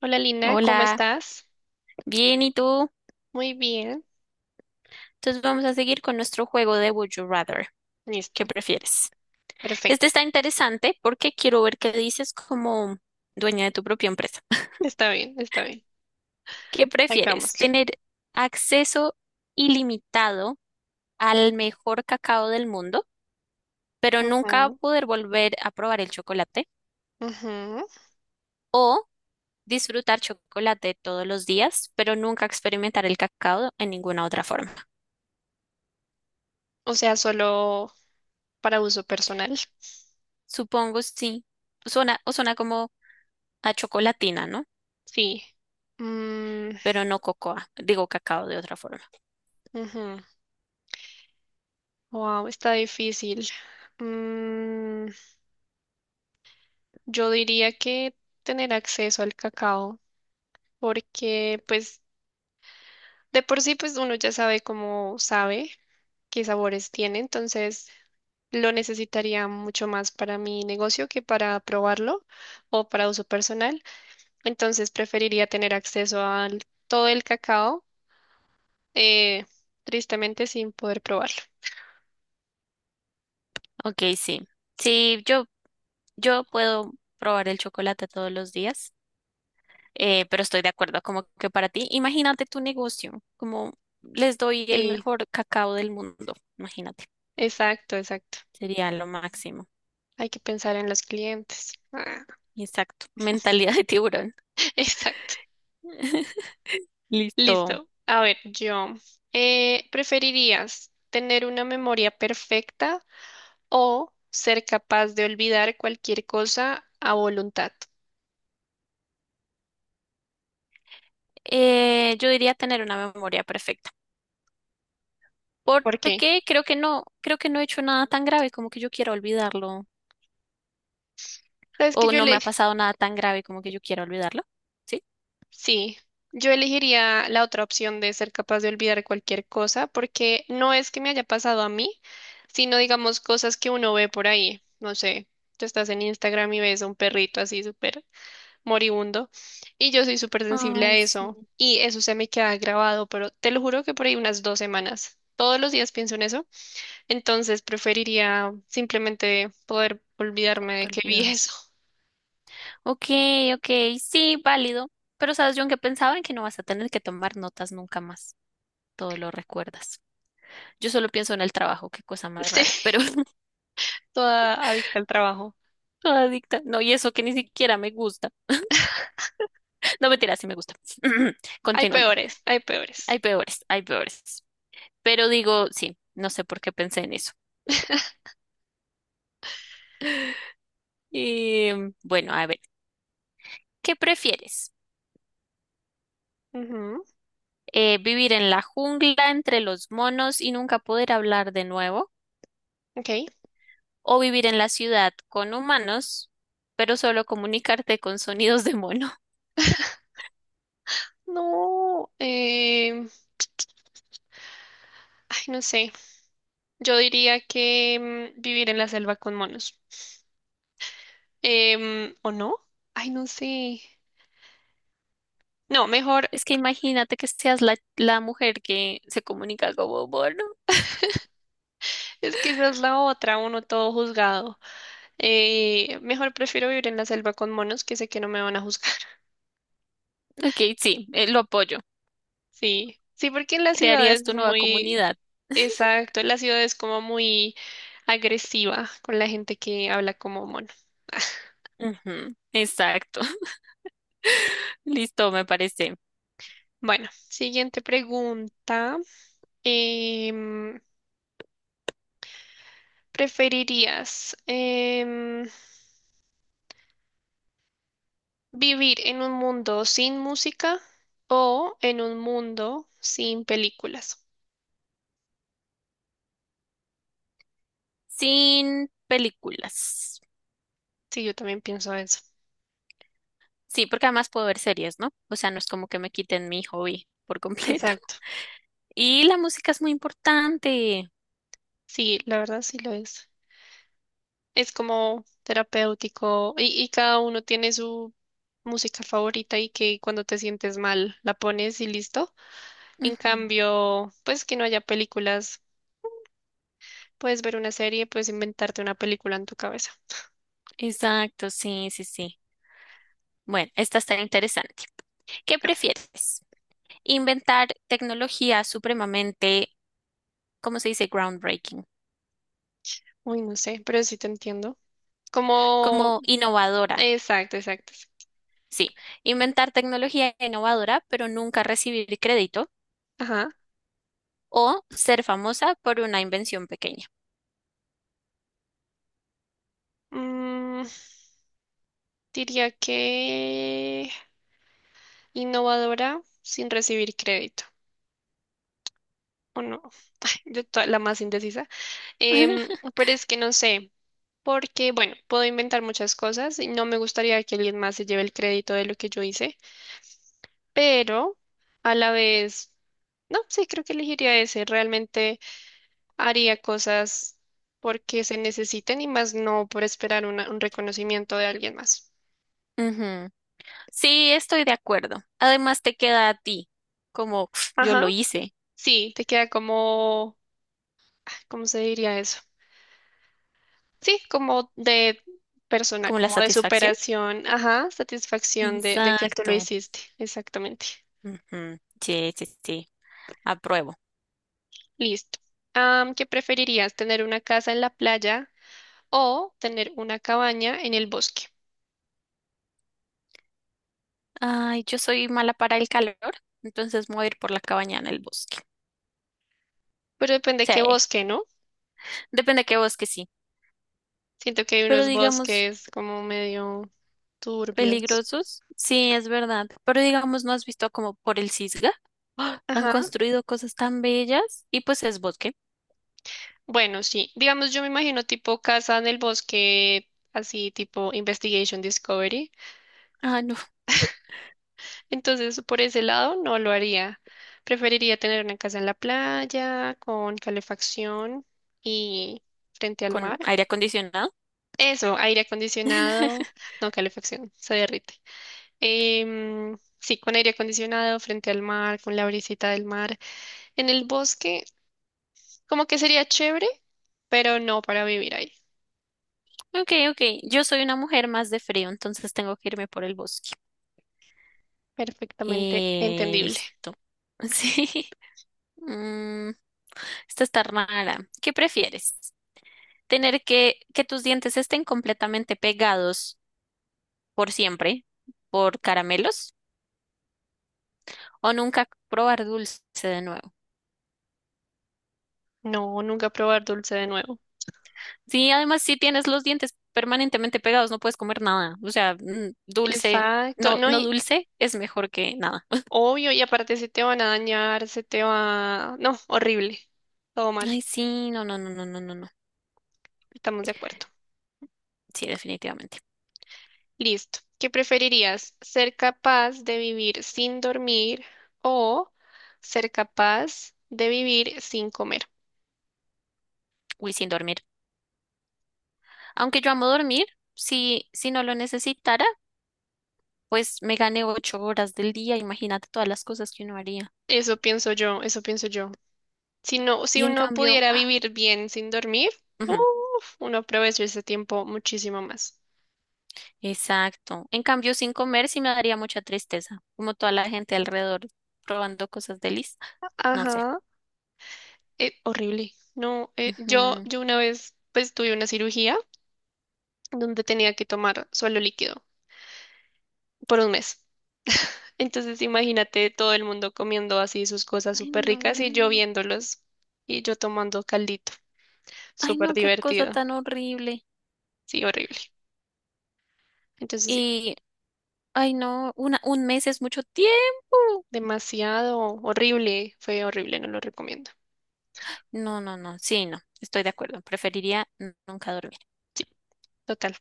Hola Lina, ¿cómo Hola, estás? bien, ¿y tú? Muy bien. Entonces vamos a seguir con nuestro juego de Would You Rather. ¿Qué Listo. prefieres? Este Perfecto. está interesante porque quiero ver qué dices como dueña de tu propia empresa. Está bien, está bien. ¿Qué prefieres? Hagámosle. ¿Tener acceso ilimitado al mejor cacao del mundo, pero nunca Ujú, poder volver a probar el chocolate? ujú. ¿O disfrutar chocolate todos los días, pero nunca experimentar el cacao en ninguna otra forma? O sea, solo para uso personal. Supongo sí. Suena, o suena como a chocolatina, ¿no? Sí. Mm, Pero no cocoa, digo cacao de otra forma. ujú. Wow, está difícil. Mm, yo diría que tener acceso al cacao, porque pues de por sí pues uno ya sabe cómo sabe. Qué sabores tiene, entonces lo necesitaría mucho más para mi negocio que para probarlo o para uso personal. Entonces preferiría tener acceso a todo el cacao, eh, tristemente sin poder probarlo. Ok, sí. Sí, yo puedo probar el chocolate todos los días, pero estoy de acuerdo, como que para ti, imagínate tu negocio, como les doy el Sí, mejor cacao del mundo, imagínate, exacto, exacto. sería lo máximo. Hay que pensar en los clientes. Ah, Exacto, mentalidad de tiburón. exacto. Listo. Listo. A ver, ¿preferirías tener una memoria perfecta o ser capaz de olvidar cualquier cosa a voluntad? Yo diría tener una memoria perfecta, ¿Por qué? porque creo que no he hecho nada tan grave como que yo quiera olvidarlo ¿Sabes que o yo no me le... ha pasado nada tan grave como que yo quiera olvidarlo. ¿Sí? Sí, yo elegiría la otra opción de ser capaz de olvidar cualquier cosa, porque no es que me haya pasado a mí, sino digamos cosas que uno ve por ahí. No sé, tú estás en Instagram y ves a un perrito así súper moribundo, y yo soy súper sensible a Ay, sí, eso, y eso se me queda grabado, pero te lo juro que por ahí unas dos semanas. Todos los días pienso en eso, entonces preferiría simplemente poder olvidarme poder de que vi olvidarlo. eso. Ok, ok, sí, válido. Pero sabes, yo que pensaba en que no vas a tener que tomar notas nunca más. Todo lo recuerdas. Yo solo pienso en el trabajo, qué cosa más rara. Pero Sí, toda adicta al trabajo. toda adicta. No, y eso que ni siquiera me gusta. No, mentira, sí me gusta. Hay Continuando. peores, hay Hay peores. peores, hay peores. Pero digo, sí, no sé por qué pensé en eso. Y bueno, a ver, ¿qué prefieres? Ujú, ¿Vivir en la jungla entre los monos y nunca poder hablar de nuevo? ok. ¿O vivir en la ciudad con humanos, pero solo comunicarte con sonidos de mono? No, ay, no sé. Yo diría que vivir en la selva con monos. ¿O no? Ay, no sé. No, mejor, Es que imagínate que seas la mujer que se comunica como mono. es que esa es la otra, uno todo juzgado. Mejor prefiero vivir en la selva con monos que sé que no me van a juzgar. Ok, sí, lo apoyo. Sí, sí, porque en la ciudad ¿Crearías es tu nueva muy, comunidad? exacto, en la ciudad es como muy agresiva con la gente que habla como mono. Ujú, exacto. Listo, me parece. Bueno, siguiente pregunta. Em, ¿Preferirías vivir en un mundo sin música o en un mundo sin películas? Sin películas. Sí, yo también pienso eso. Sí, porque además puedo ver series, ¿no? O sea, no es como que me quiten mi hobby por completo. Exacto. Y la música es muy importante. Sí, la verdad sí lo es. Es como terapéutico y cada uno tiene su música favorita y que cuando te sientes mal la pones y listo. En Ujú, cambio, pues que no haya películas. Puedes ver una serie, puedes inventarte una película en tu cabeza. exacto, sí, sí, sí. Bueno, esta está interesante. ¿Qué prefieres? Inventar tecnología supremamente, ¿cómo se dice? Groundbreaking, Uy, no sé, pero sí te entiendo. Como, como innovadora. exacto, exacto. Sí, inventar tecnología innovadora, pero nunca recibir crédito Ajá. o ser famosa por una invención pequeña. Mm, diría que innovadora sin recibir crédito, ¿o no? La más indecisa. Pero es que no sé, porque, bueno, puedo inventar muchas cosas y no me gustaría que alguien más se lleve el crédito de lo que yo hice, pero a la vez, no, sí, creo que elegiría ese. Realmente haría cosas porque se necesiten y más no por esperar un reconocimiento de alguien más. Ujú. Sí, estoy de acuerdo. Además, te queda a ti, como "Uf, yo Ajá, lo hice", sí, te queda como, ah, ¿cómo se diría eso? Sí, como de persona, como la como de satisfacción. superación, ajá, satisfacción de que tú lo Exacto. hiciste, exactamente. Ujú. Sí, sí, sí, apruebo. Listo. Am, ¿qué preferirías, tener una casa en la playa o tener una cabaña en el bosque? Ay, yo soy mala para el calor, entonces me voy a ir por la cabaña en el bosque. Pero depende qué Sí, bosque, ¿no? depende de qué bosque, sí. Siento que hay Pero unos digamos, bosques como medio turbios. peligrosos, sí, es verdad. Pero digamos, ¿no has visto como por el Cisga? ¡Ah! Han Ajá. construido cosas tan bellas y pues es bosque. Bueno, sí. Digamos, yo me imagino tipo casa en el bosque, así tipo Investigation Discovery. Ah, no, Entonces, por ese lado, no lo haría. Preferiría tener una casa en la playa, con calefacción y frente al mar. con aire acondicionado. Eso, aire acondicionado, no calefacción, se derrite. Sí, con aire acondicionado, frente al mar, con la brisita del mar. En el bosque, como que sería chévere, pero no para vivir ahí. Ok, ok. Yo soy una mujer más de frío, entonces tengo que irme por el bosque. Perfectamente entendible. Listo. Sí. Mm, Esta está rara. ¿Qué prefieres? ¿Tener que tus dientes estén completamente pegados por siempre por caramelos? ¿O nunca probar dulce de nuevo? No, nunca probar dulce de nuevo. Sí, además si tienes los dientes permanentemente pegados, no puedes comer nada. O sea, dulce, Exacto, no, no, no, y dulce es mejor que nada. obvio, y aparte se te van a dañar, se te va... No, horrible. Todo mal, Ay, sí, no, no, no, no, no, no, no. estamos de acuerdo. Sí, definitivamente. Listo. ¿Qué preferirías? ¿Ser capaz de vivir sin dormir o ser capaz de vivir sin comer? Uy, sin dormir. Aunque yo amo dormir, si, si no lo necesitara, pues me gané 8 horas del día. Imagínate todas las cosas que uno haría. Eso pienso yo, eso pienso yo. Si no, si Y en uno cambio, pudiera vivir bien sin dormir, ujú, uf, uno aprovecha ese tiempo muchísimo más. exacto. En cambio, sin comer sí me daría mucha tristeza, como toda la gente alrededor probando cosas delis. No sé. Ajá. Horrible. No, yo, Ujú. yo una vez pues tuve una cirugía donde tenía que tomar suelo líquido por un mes. Entonces imagínate todo el mundo comiendo así sus cosas Ay, súper no. ricas y yo viéndolos y yo tomando caldito. Ay, Súper no, qué cosa divertido. tan horrible. Sí, horrible. Entonces sí, Y, ay, no, una, un mes es mucho tiempo. demasiado horrible. Fue horrible, no lo recomiendo. No, no, no, sí, no, estoy de acuerdo. Preferiría nunca dormir. Total,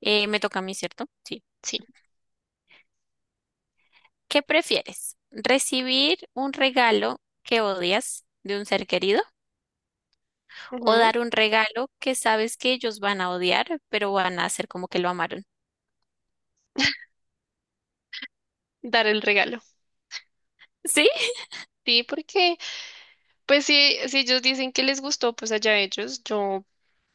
Me toca a mí, ¿cierto? Sí. sí. ¿Qué prefieres? ¿Recibir un regalo que odias de un ser querido o Ujú. dar un regalo que sabes que ellos van a odiar, pero van a hacer como que lo amaron? Dar el regalo. ¿Sí? Sí, porque pues sí, si ellos dicen que les gustó, pues allá ellos. Yo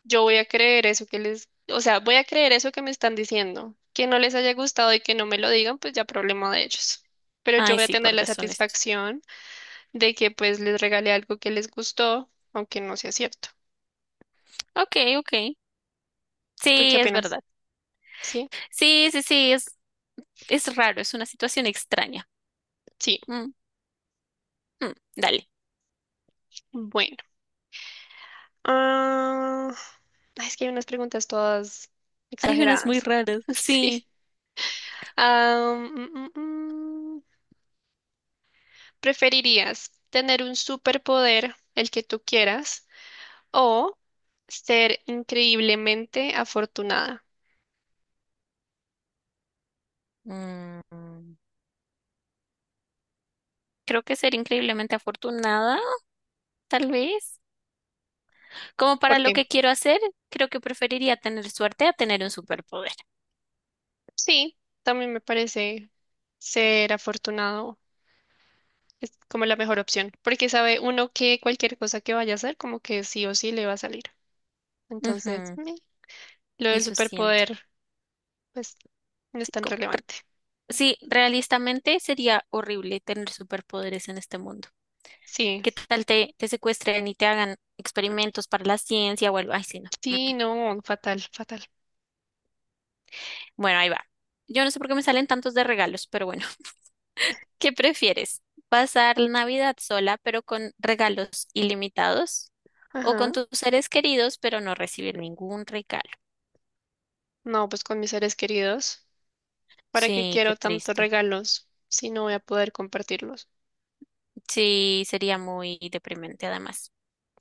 Yo voy a creer eso que les, o sea, voy a creer eso que me están diciendo. Que no les haya gustado y que no me lo digan, pues ya problema de ellos. Pero yo Ay, voy a sí, tener por la deshonestos. satisfacción de que pues les regalé algo que les gustó, aunque no sea cierto. Ok, ok. ¿Tú qué Sí, es opinas? verdad. ¿Sí? Sí, sí, sí, es raro, es una situación extraña. Sí. Mm, Dale. Bueno. Ah, ay, es que hay unas preguntas todas Hay unas muy exageradas. raras. Sí. Sí. Ah, mm, mm, mm. ¿Preferirías tener un superpoder, el que tú quieras? O ser increíblemente afortunada. Mm, Creo que ser increíblemente afortunada, tal vez. Como para lo Porque que quiero hacer, creo que preferiría tener suerte a tener un superpoder. sí, también me parece ser afortunado es como la mejor opción. Porque sabe uno que cualquier cosa que vaya a hacer, como que sí o sí le va a salir. Entonces, Ujú, meh, lo del eso siento. superpoder, pues no es Sí, tan como relevante. sí, realistamente sería horrible tener superpoderes en este mundo. Sí, ¿Qué tal te secuestren y te hagan experimentos para la ciencia o algo? Ay, sí, no. Mm. sí, no, fatal, fatal. Bueno, ahí va. Yo no sé por qué me salen tantos de regalos, pero bueno, ¿qué prefieres? ¿Pasar la Navidad sola, pero con regalos ilimitados? ¿O con Ajá. tus seres queridos, pero no recibir ningún regalo? No, pues con mis seres queridos. ¿Para qué Sí, qué quiero tantos triste. regalos si no voy a poder compartirlos? Sí, sería muy deprimente además.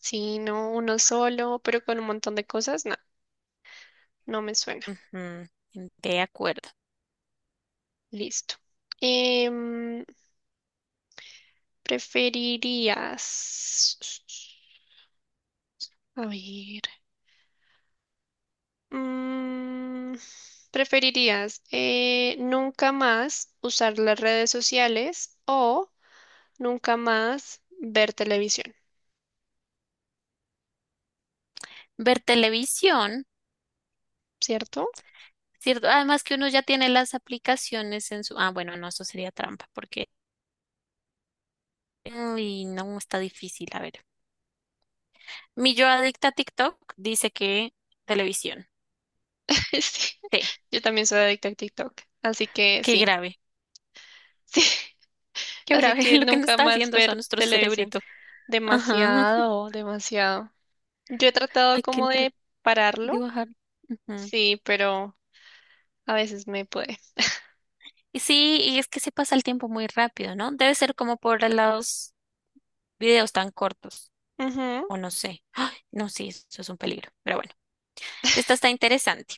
Sí, no, uno solo, pero con un montón de cosas, no, no me suena. Ujú, de acuerdo. Listo. Em, ¿Preferirías... A ver. mm, ¿Preferirías nunca más usar las redes sociales o nunca más ver televisión? Ver televisión. ¿Cierto? Cierto, además que uno ya tiene las aplicaciones en su... Ah, bueno, no, eso sería trampa, porque... Uy, no, está difícil, a ver. Mi yo adicta a TikTok dice que televisión. Sí. Sí, Yo también soy adicta a TikTok, así que qué sí, grave, sí. qué Así grave que lo que nos nunca está más haciendo eso a ver nuestro televisión. cerebrito. Ajá, Demasiado, demasiado. Yo he tratado hay que como entrar, de pararlo, dibujar. Ujú. sí, pero a veces me puede. Y sí, y es que se pasa el tiempo muy rápido, ¿no? Debe ser como por los videos tan cortos, Ujú, o no sé. ¡Ay! No, sí, eso es un peligro, pero bueno, esta está interesante.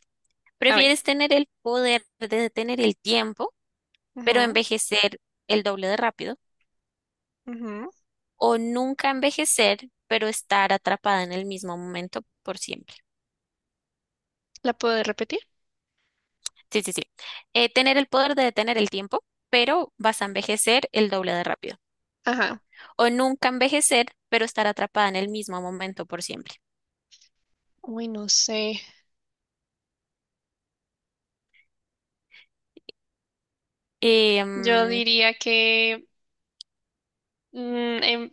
a ver. ¿Prefieres tener el poder de detener el tiempo, pero Ujú, envejecer el doble de rápido? ujú. ¿O nunca envejecer, pero estar atrapada en el mismo momento por siempre? ¿La puedo repetir? Sí, sí, sí. Tener el poder de detener el tiempo, pero vas a envejecer el doble de rápido. Ajá. ¿O nunca envejecer, pero estar atrapada en el mismo momento por siempre? Uy, no sé. Eh, Yo mm, diría que mm, em-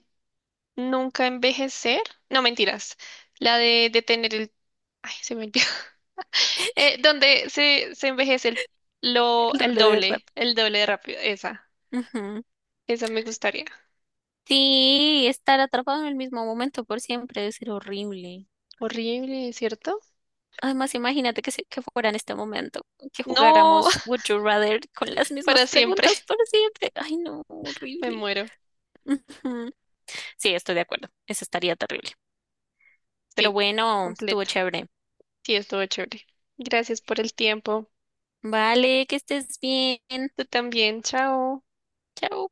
nunca envejecer. No, mentiras. La de detener el... Ay, se me olvidó. Donde se envejece el doble de rápido. el doble de rápido. Esa. Ujú. Esa me gustaría. Sí, estar atrapado en el mismo momento por siempre debe ser horrible. Horrible, ¿cierto? Además, imagínate que, que fuera en este momento, que No, jugáramos Would You Rather con las para mismas siempre. preguntas por siempre. Ay, no, Me horrible. muero. Ujú. Sí, estoy de acuerdo. Eso estaría terrible. Pero Sí, bueno, estuvo completa. chévere. Sí, estuvo chévere. Gracias por el tiempo. Vale, que estés bien. Tú también, chao. Chao.